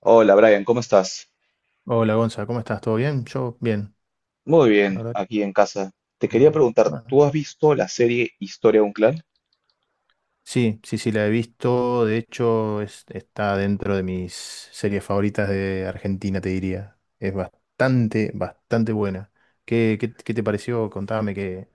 Hola Brian, ¿cómo estás? Hola Gonza, ¿cómo estás? ¿Todo bien? Yo bien, Muy la bien, verdad. aquí en casa. Te quería Bien. preguntar, Bueno, ¿tú has visto la serie Historia de un clan? sí, sí, sí, la he visto. De hecho, está dentro de mis series favoritas de Argentina, te diría. Es bastante, bastante buena. ¿Qué te pareció? Contame qué,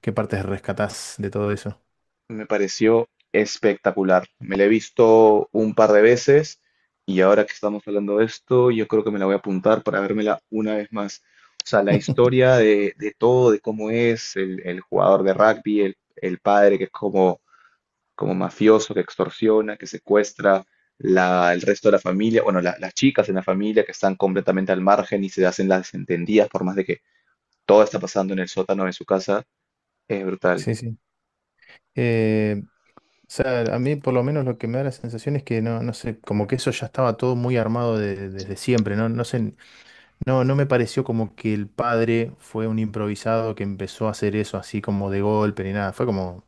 qué partes rescatás de todo eso. Me pareció espectacular. Me la he visto un par de veces y ahora que estamos hablando de esto, yo creo que me la voy a apuntar para vérmela una vez más. O sea, la historia de todo, de cómo es el jugador de rugby, el padre que es como mafioso que extorsiona, que secuestra el resto de la familia, bueno, las chicas en la familia que están completamente al margen y se hacen las desentendidas por más de que todo está pasando en el sótano de su casa, es brutal. Sí, sí. Eh, o sea, a mí por lo menos lo que me da la sensación es que no, no sé, como que eso ya estaba todo muy armado desde siempre, ¿no? No sé, no, no me pareció como que el padre fue un improvisado que empezó a hacer eso así como de golpe ni nada. Fue como,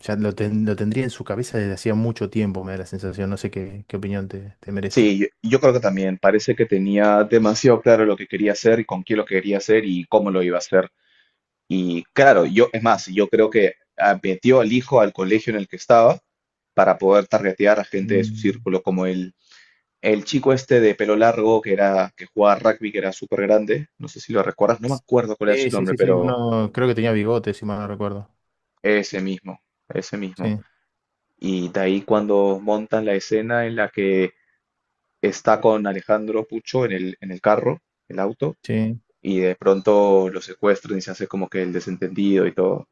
ya lo, lo tendría en su cabeza desde hacía mucho tiempo, me da la sensación. No sé qué, qué opinión te, te merece. Sí, yo creo que también parece que tenía demasiado claro lo que quería hacer y con quién lo quería hacer y cómo lo iba a hacer. Y claro, yo, es más, yo creo que metió al hijo al colegio en el que estaba para poder targetear a gente de su Mm, círculo como él. El chico este de pelo largo que era, que jugaba rugby, que era súper grande, no sé si lo recuerdas, no me acuerdo cuál era sí, su sí, nombre, sí, sí. pero Uno creo que tenía bigotes si mal no recuerdo. ese mismo, ese mismo. Sí, Y de ahí cuando montan la escena en la que está con Alejandro Pucho en el carro, el auto, sí. y de pronto lo secuestran y se hace como que el desentendido y todo.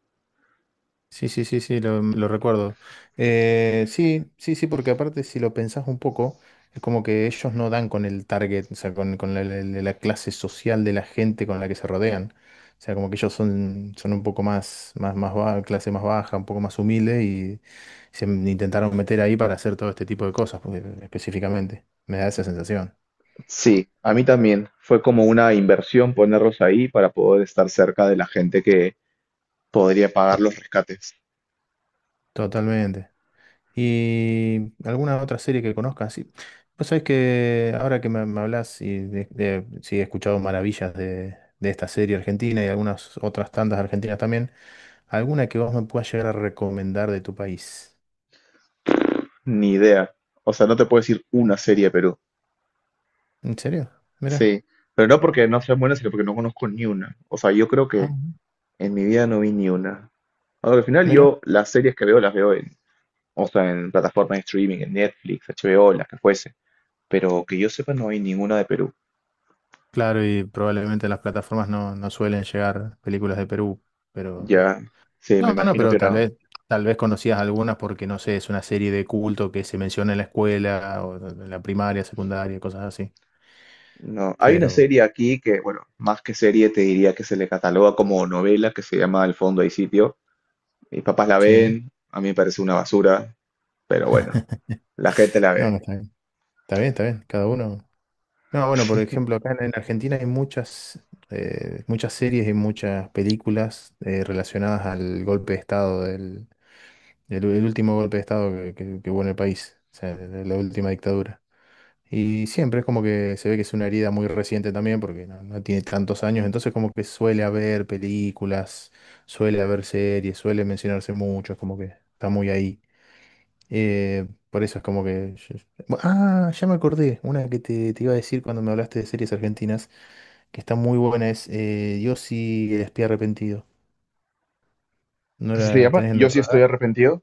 Sí, sí, sí, sí, lo recuerdo. Sí, sí, sí, porque aparte si lo pensás un poco, es como que ellos no dan con el target, o sea, con la, la clase social de la gente con la que se rodean. O sea, como que ellos son, son un poco más, más, clase más baja, un poco más humilde y intentaron meter ahí para hacer todo este tipo de cosas, específicamente. Me da esa sensación. Sí, a mí también fue como una inversión ponerlos ahí para poder estar cerca de la gente que podría Sí, pagar los rescates. totalmente. ¿Y alguna otra serie que conozcas? Sí. Vos sabés que ahora que me hablas y de, sí, he escuchado maravillas de esta serie argentina y algunas otras tantas argentinas también, ¿alguna que vos me puedas llegar a recomendar de tu país? Ni idea. O sea, no te puedo decir una serie, Perú. ¿En serio? Mira. Sí, pero no porque no sean buenas, sino porque no conozco ni una. O sea, yo creo Ah, que en mi vida no vi ni una. Ahora, al final mira. yo las series que veo las veo en, o sea, en plataformas de streaming, en Netflix, HBO, las que fuese. Pero que yo sepa no hay ninguna de Perú. Claro, y probablemente las plataformas no, no suelen llegar películas de Perú, pero... Ya, sí, me No, no, imagino que pero era. Tal vez conocías algunas porque, no sé, es una serie de culto que se menciona en la escuela o en la primaria, secundaria, cosas así. No, hay una Pero serie aquí que, bueno, más que serie te diría que se le cataloga como novela que se llama Al fondo hay sitio. Mis papás la sí, ven, a mí me parece una basura, pero bueno, la gente la no, ve. no está bien. Está bien, está bien, cada uno. No, bueno, por ejemplo, acá en Argentina hay muchas, muchas series y muchas películas relacionadas al golpe de Estado, del, el último golpe de Estado que hubo en el país, o sea, de la última dictadura. Y siempre es como que se ve que es una herida muy reciente también, porque no, no tiene tantos años, entonces como que suele haber películas, suele haber series, suele mencionarse mucho, es como que está muy ahí. Por eso es como que... ya me acordé. Una que te iba a decir cuando me hablaste de series argentinas, que está muy buena, es Yossi el espía arrepentido. ¿No ¿Así se la llama? tenés en Yo el sí estoy radar? arrepentido.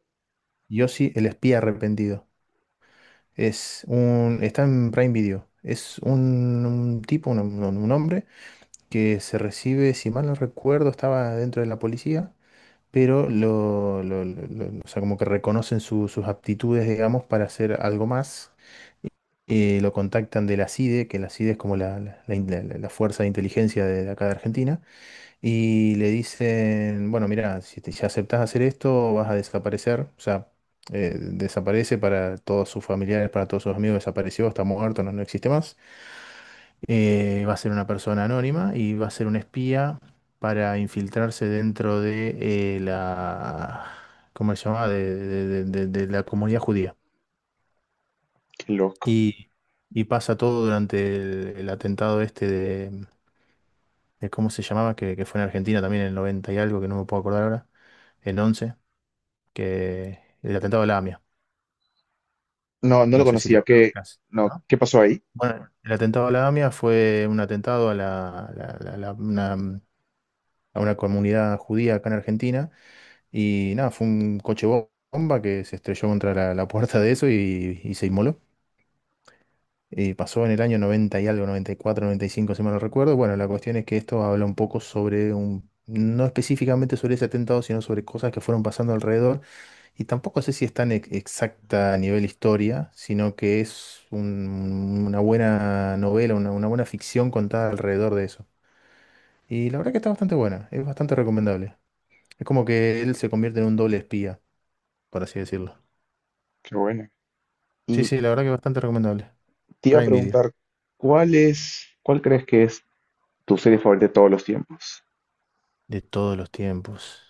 Yossi el espía arrepentido. Es un, está en Prime Video. Es un tipo, un, un hombre, que se recibe, si mal no recuerdo, estaba dentro de la policía, pero lo, o sea, como que reconocen sus aptitudes, digamos, para hacer algo más, lo contactan de la CIDE, que la CIDE es como la, la fuerza de inteligencia de acá de Argentina, y le dicen, bueno, mira, si te, ya aceptás hacer esto, vas a desaparecer, o sea, desaparece para todos sus familiares, para todos sus amigos, desapareció, está muerto, no, no existe más. Va a ser una persona anónima y va a ser un espía para infiltrarse dentro de la, ¿cómo se llama?, de de la comunidad judía. Qué loco. Y, y pasa todo durante el atentado este de, ¿cómo se llamaba? Que fue en Argentina también en el 90 y algo, que no me puedo acordar ahora, el 11, que el atentado a la AMIA, No, no lo no sé si conocía. lo, lo ¿Qué, ubicás, no, ¿no? qué pasó ahí? Bueno, el atentado a la AMIA fue un atentado a, la, una, a una comunidad judía acá en Argentina y nada, fue un coche bomba que se estrelló contra la, la puerta de eso y se inmoló. Pasó en el año 90 y algo, noventa, noventa y cuatro, noventa y cinco si mal no recuerdo. Bueno, la cuestión es que esto habla un poco sobre un, no específicamente sobre ese atentado, sino sobre cosas que fueron pasando alrededor. Y tampoco sé si es tan exacta a nivel historia, sino que es una buena novela, una buena ficción contada alrededor de eso. Y la verdad que está bastante buena, es bastante recomendable. Es como que él se convierte en un doble espía, por así decirlo. Qué bueno. Sí, Y sí, la verdad que es bastante recomendable. te iba a Prime Video, preguntar, ¿cuál es, cuál crees que es tu serie favorita de todos los tiempos? de todos los tiempos.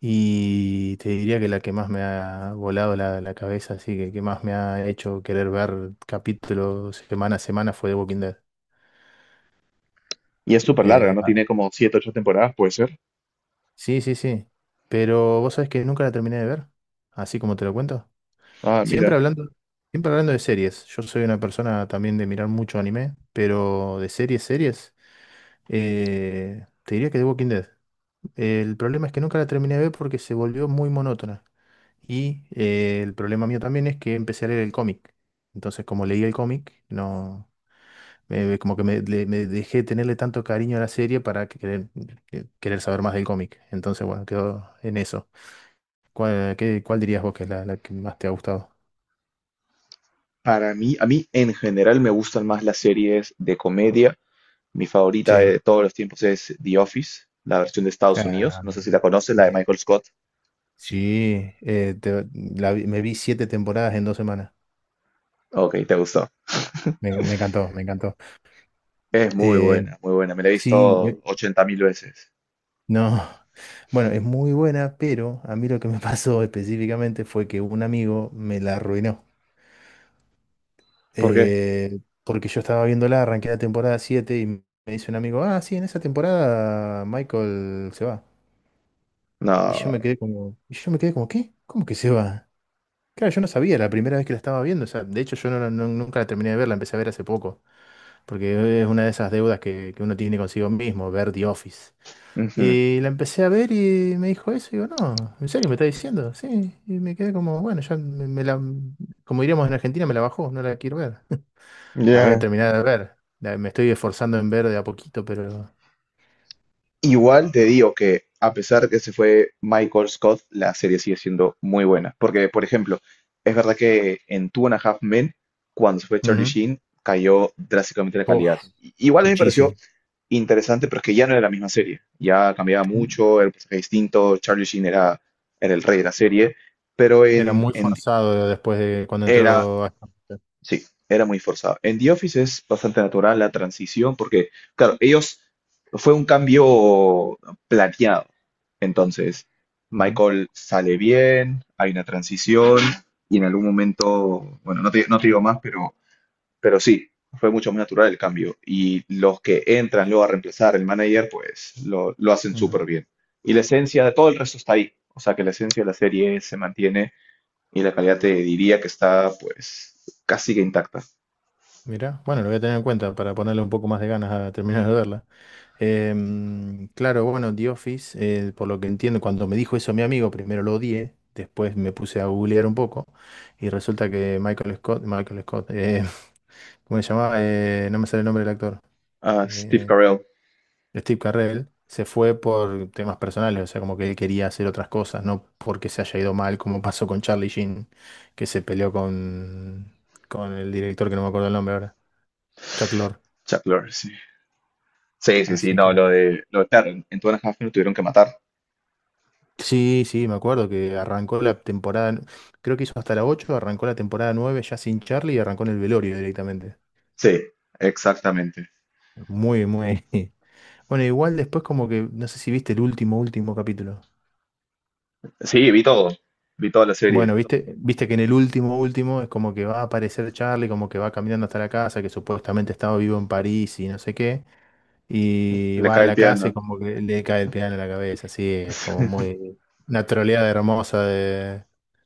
Y te diría que la que más me ha volado la, la cabeza, así que más me ha hecho querer ver capítulos semana a semana fue The Walking Dead. Y es súper larga, Eh, ¿no? Ah. Tiene como siete, ocho temporadas, puede ser. Sí, sí, sí. Pero vos sabés que nunca la terminé de ver, así como te lo cuento. Ah, Siempre mira. hablando, siempre hablando de series. Yo soy una persona también de mirar mucho anime, pero de series, series, te diría que The Walking Dead. El problema es que nunca la terminé de ver porque se volvió muy monótona. Y el problema mío también es que empecé a leer el cómic. Entonces, como leí el cómic, no, como que me, me dejé tenerle tanto cariño a la serie para que querer, querer saber más del cómic. Entonces, bueno, quedó en eso. ¿Cuál dirías vos que es la, la que más te ha gustado? Para mí, a mí en general me gustan más las series de comedia. Mi favorita Sí. de todos los tiempos es The Office, la versión de Estados Unidos. Ah, No sé si la conoces, la de sí. Michael Scott. Sí, la me vi 7 temporadas en 2 semanas. Ok, te gustó. Me, me encantó, me encantó. Es muy Eh, buena, muy buena. Me la he sí. visto 80.000 veces. No, bueno, es muy buena, pero a mí lo que me pasó específicamente fue que un amigo me la arruinó. ¿Por qué? Eh, Porque yo estaba viéndola, arranqué la temporada 7 y me dice un amigo, ah, sí, en esa temporada Michael se va. Y yo No. me quedé como, y yo me quedé como, ¿qué? ¿Cómo que se va? Claro, yo no sabía, la primera vez que la estaba viendo, o sea, de hecho yo no, nunca la terminé de ver, la empecé a ver hace poco, porque es una de esas deudas que uno tiene consigo mismo, ver The Office. Ujú. Y la empecé a ver y me dijo eso. Y digo, no, ¿en serio me está diciendo? Sí. Y me quedé como, bueno, ya me la, como diríamos en Argentina, me la bajó, no la quiero ver. La voy a Ya, terminar de ver. Me estoy esforzando en ver de a poquito, pero... igual te digo que a pesar que se fue Michael Scott, la serie sigue siendo muy buena. Porque, por ejemplo, es verdad que en Two and a Half Men, cuando se fue Charlie Ujú. Sheen, cayó drásticamente la Uf, calidad. I- Igual a mí me pareció muchísimo. interesante, pero es que ya no era la misma serie. Ya cambiaba mucho, era un personaje distinto, Charlie Sheen era, era el rey de la serie, pero Era muy en- forzado después de cuando era entró... Ashton Kutcher. Sí, era muy forzado. En The Office es bastante natural la transición porque, claro, ellos fue un cambio planeado. Entonces, Ujú, Michael sale bien, hay una transición y en algún momento, bueno, no te digo más, pero sí, fue mucho más natural el cambio. Y los que entran luego a reemplazar el manager, pues lo hacen ujú. súper bien. Y la esencia de todo el resto está ahí. O sea que la esencia de la serie se mantiene y la calidad te diría que está pues casi que intacta. Mira, bueno, lo voy a tener en cuenta para ponerle un poco más de ganas a terminar de verla. Claro, bueno, The Office, por lo que entiendo, cuando me dijo eso mi amigo, primero lo odié, después me puse a googlear un poco y resulta que Michael Scott, Michael Scott, ¿cómo se llamaba? No me sale el nombre del actor. Ah, Steve Eh, Carell, Steve Carell se fue por temas personales, o sea, como que él quería hacer otras cosas, no porque se haya ido mal, como pasó con Charlie Sheen, que se peleó con el director que no me acuerdo el nombre ahora, Chuck Lorre. Chuck Lorre, sí. Sí, sí, sí, Así no, que lo de claro, en Two and a Half Men lo tuvieron que matar. sí, sí, me acuerdo que arrancó la temporada, creo que hizo hasta la 8, arrancó la temporada 9 ya sin Charlie y arrancó en el velorio directamente. Sí, exactamente. Muy, muy. Bueno, igual después como que, no sé si viste el último, último capítulo. Sí, vi todo, vi toda la serie. Bueno, viste, viste que en el último, último es como que va a aparecer Charlie, como que va caminando hasta la casa, que supuestamente estaba vivo en París y no sé qué, y Le va a cae el la casa y piano. como que le cae el piano en la cabeza, así es como muy, una troleada hermosa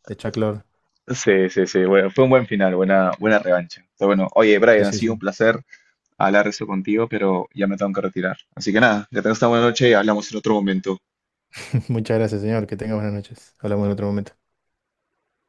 de Chuck Lorre. Sí, sí, sí, bueno, fue un buen final, buena, buena revancha. Pero bueno, oye, Sí, Brian, ha sí, sido un sí. placer hablar de eso contigo, pero ya me tengo que retirar. Así que nada, que tengas una buena noche y hablamos en otro momento. Muchas gracias, señor. Que tenga buenas noches. Hablamos en otro momento.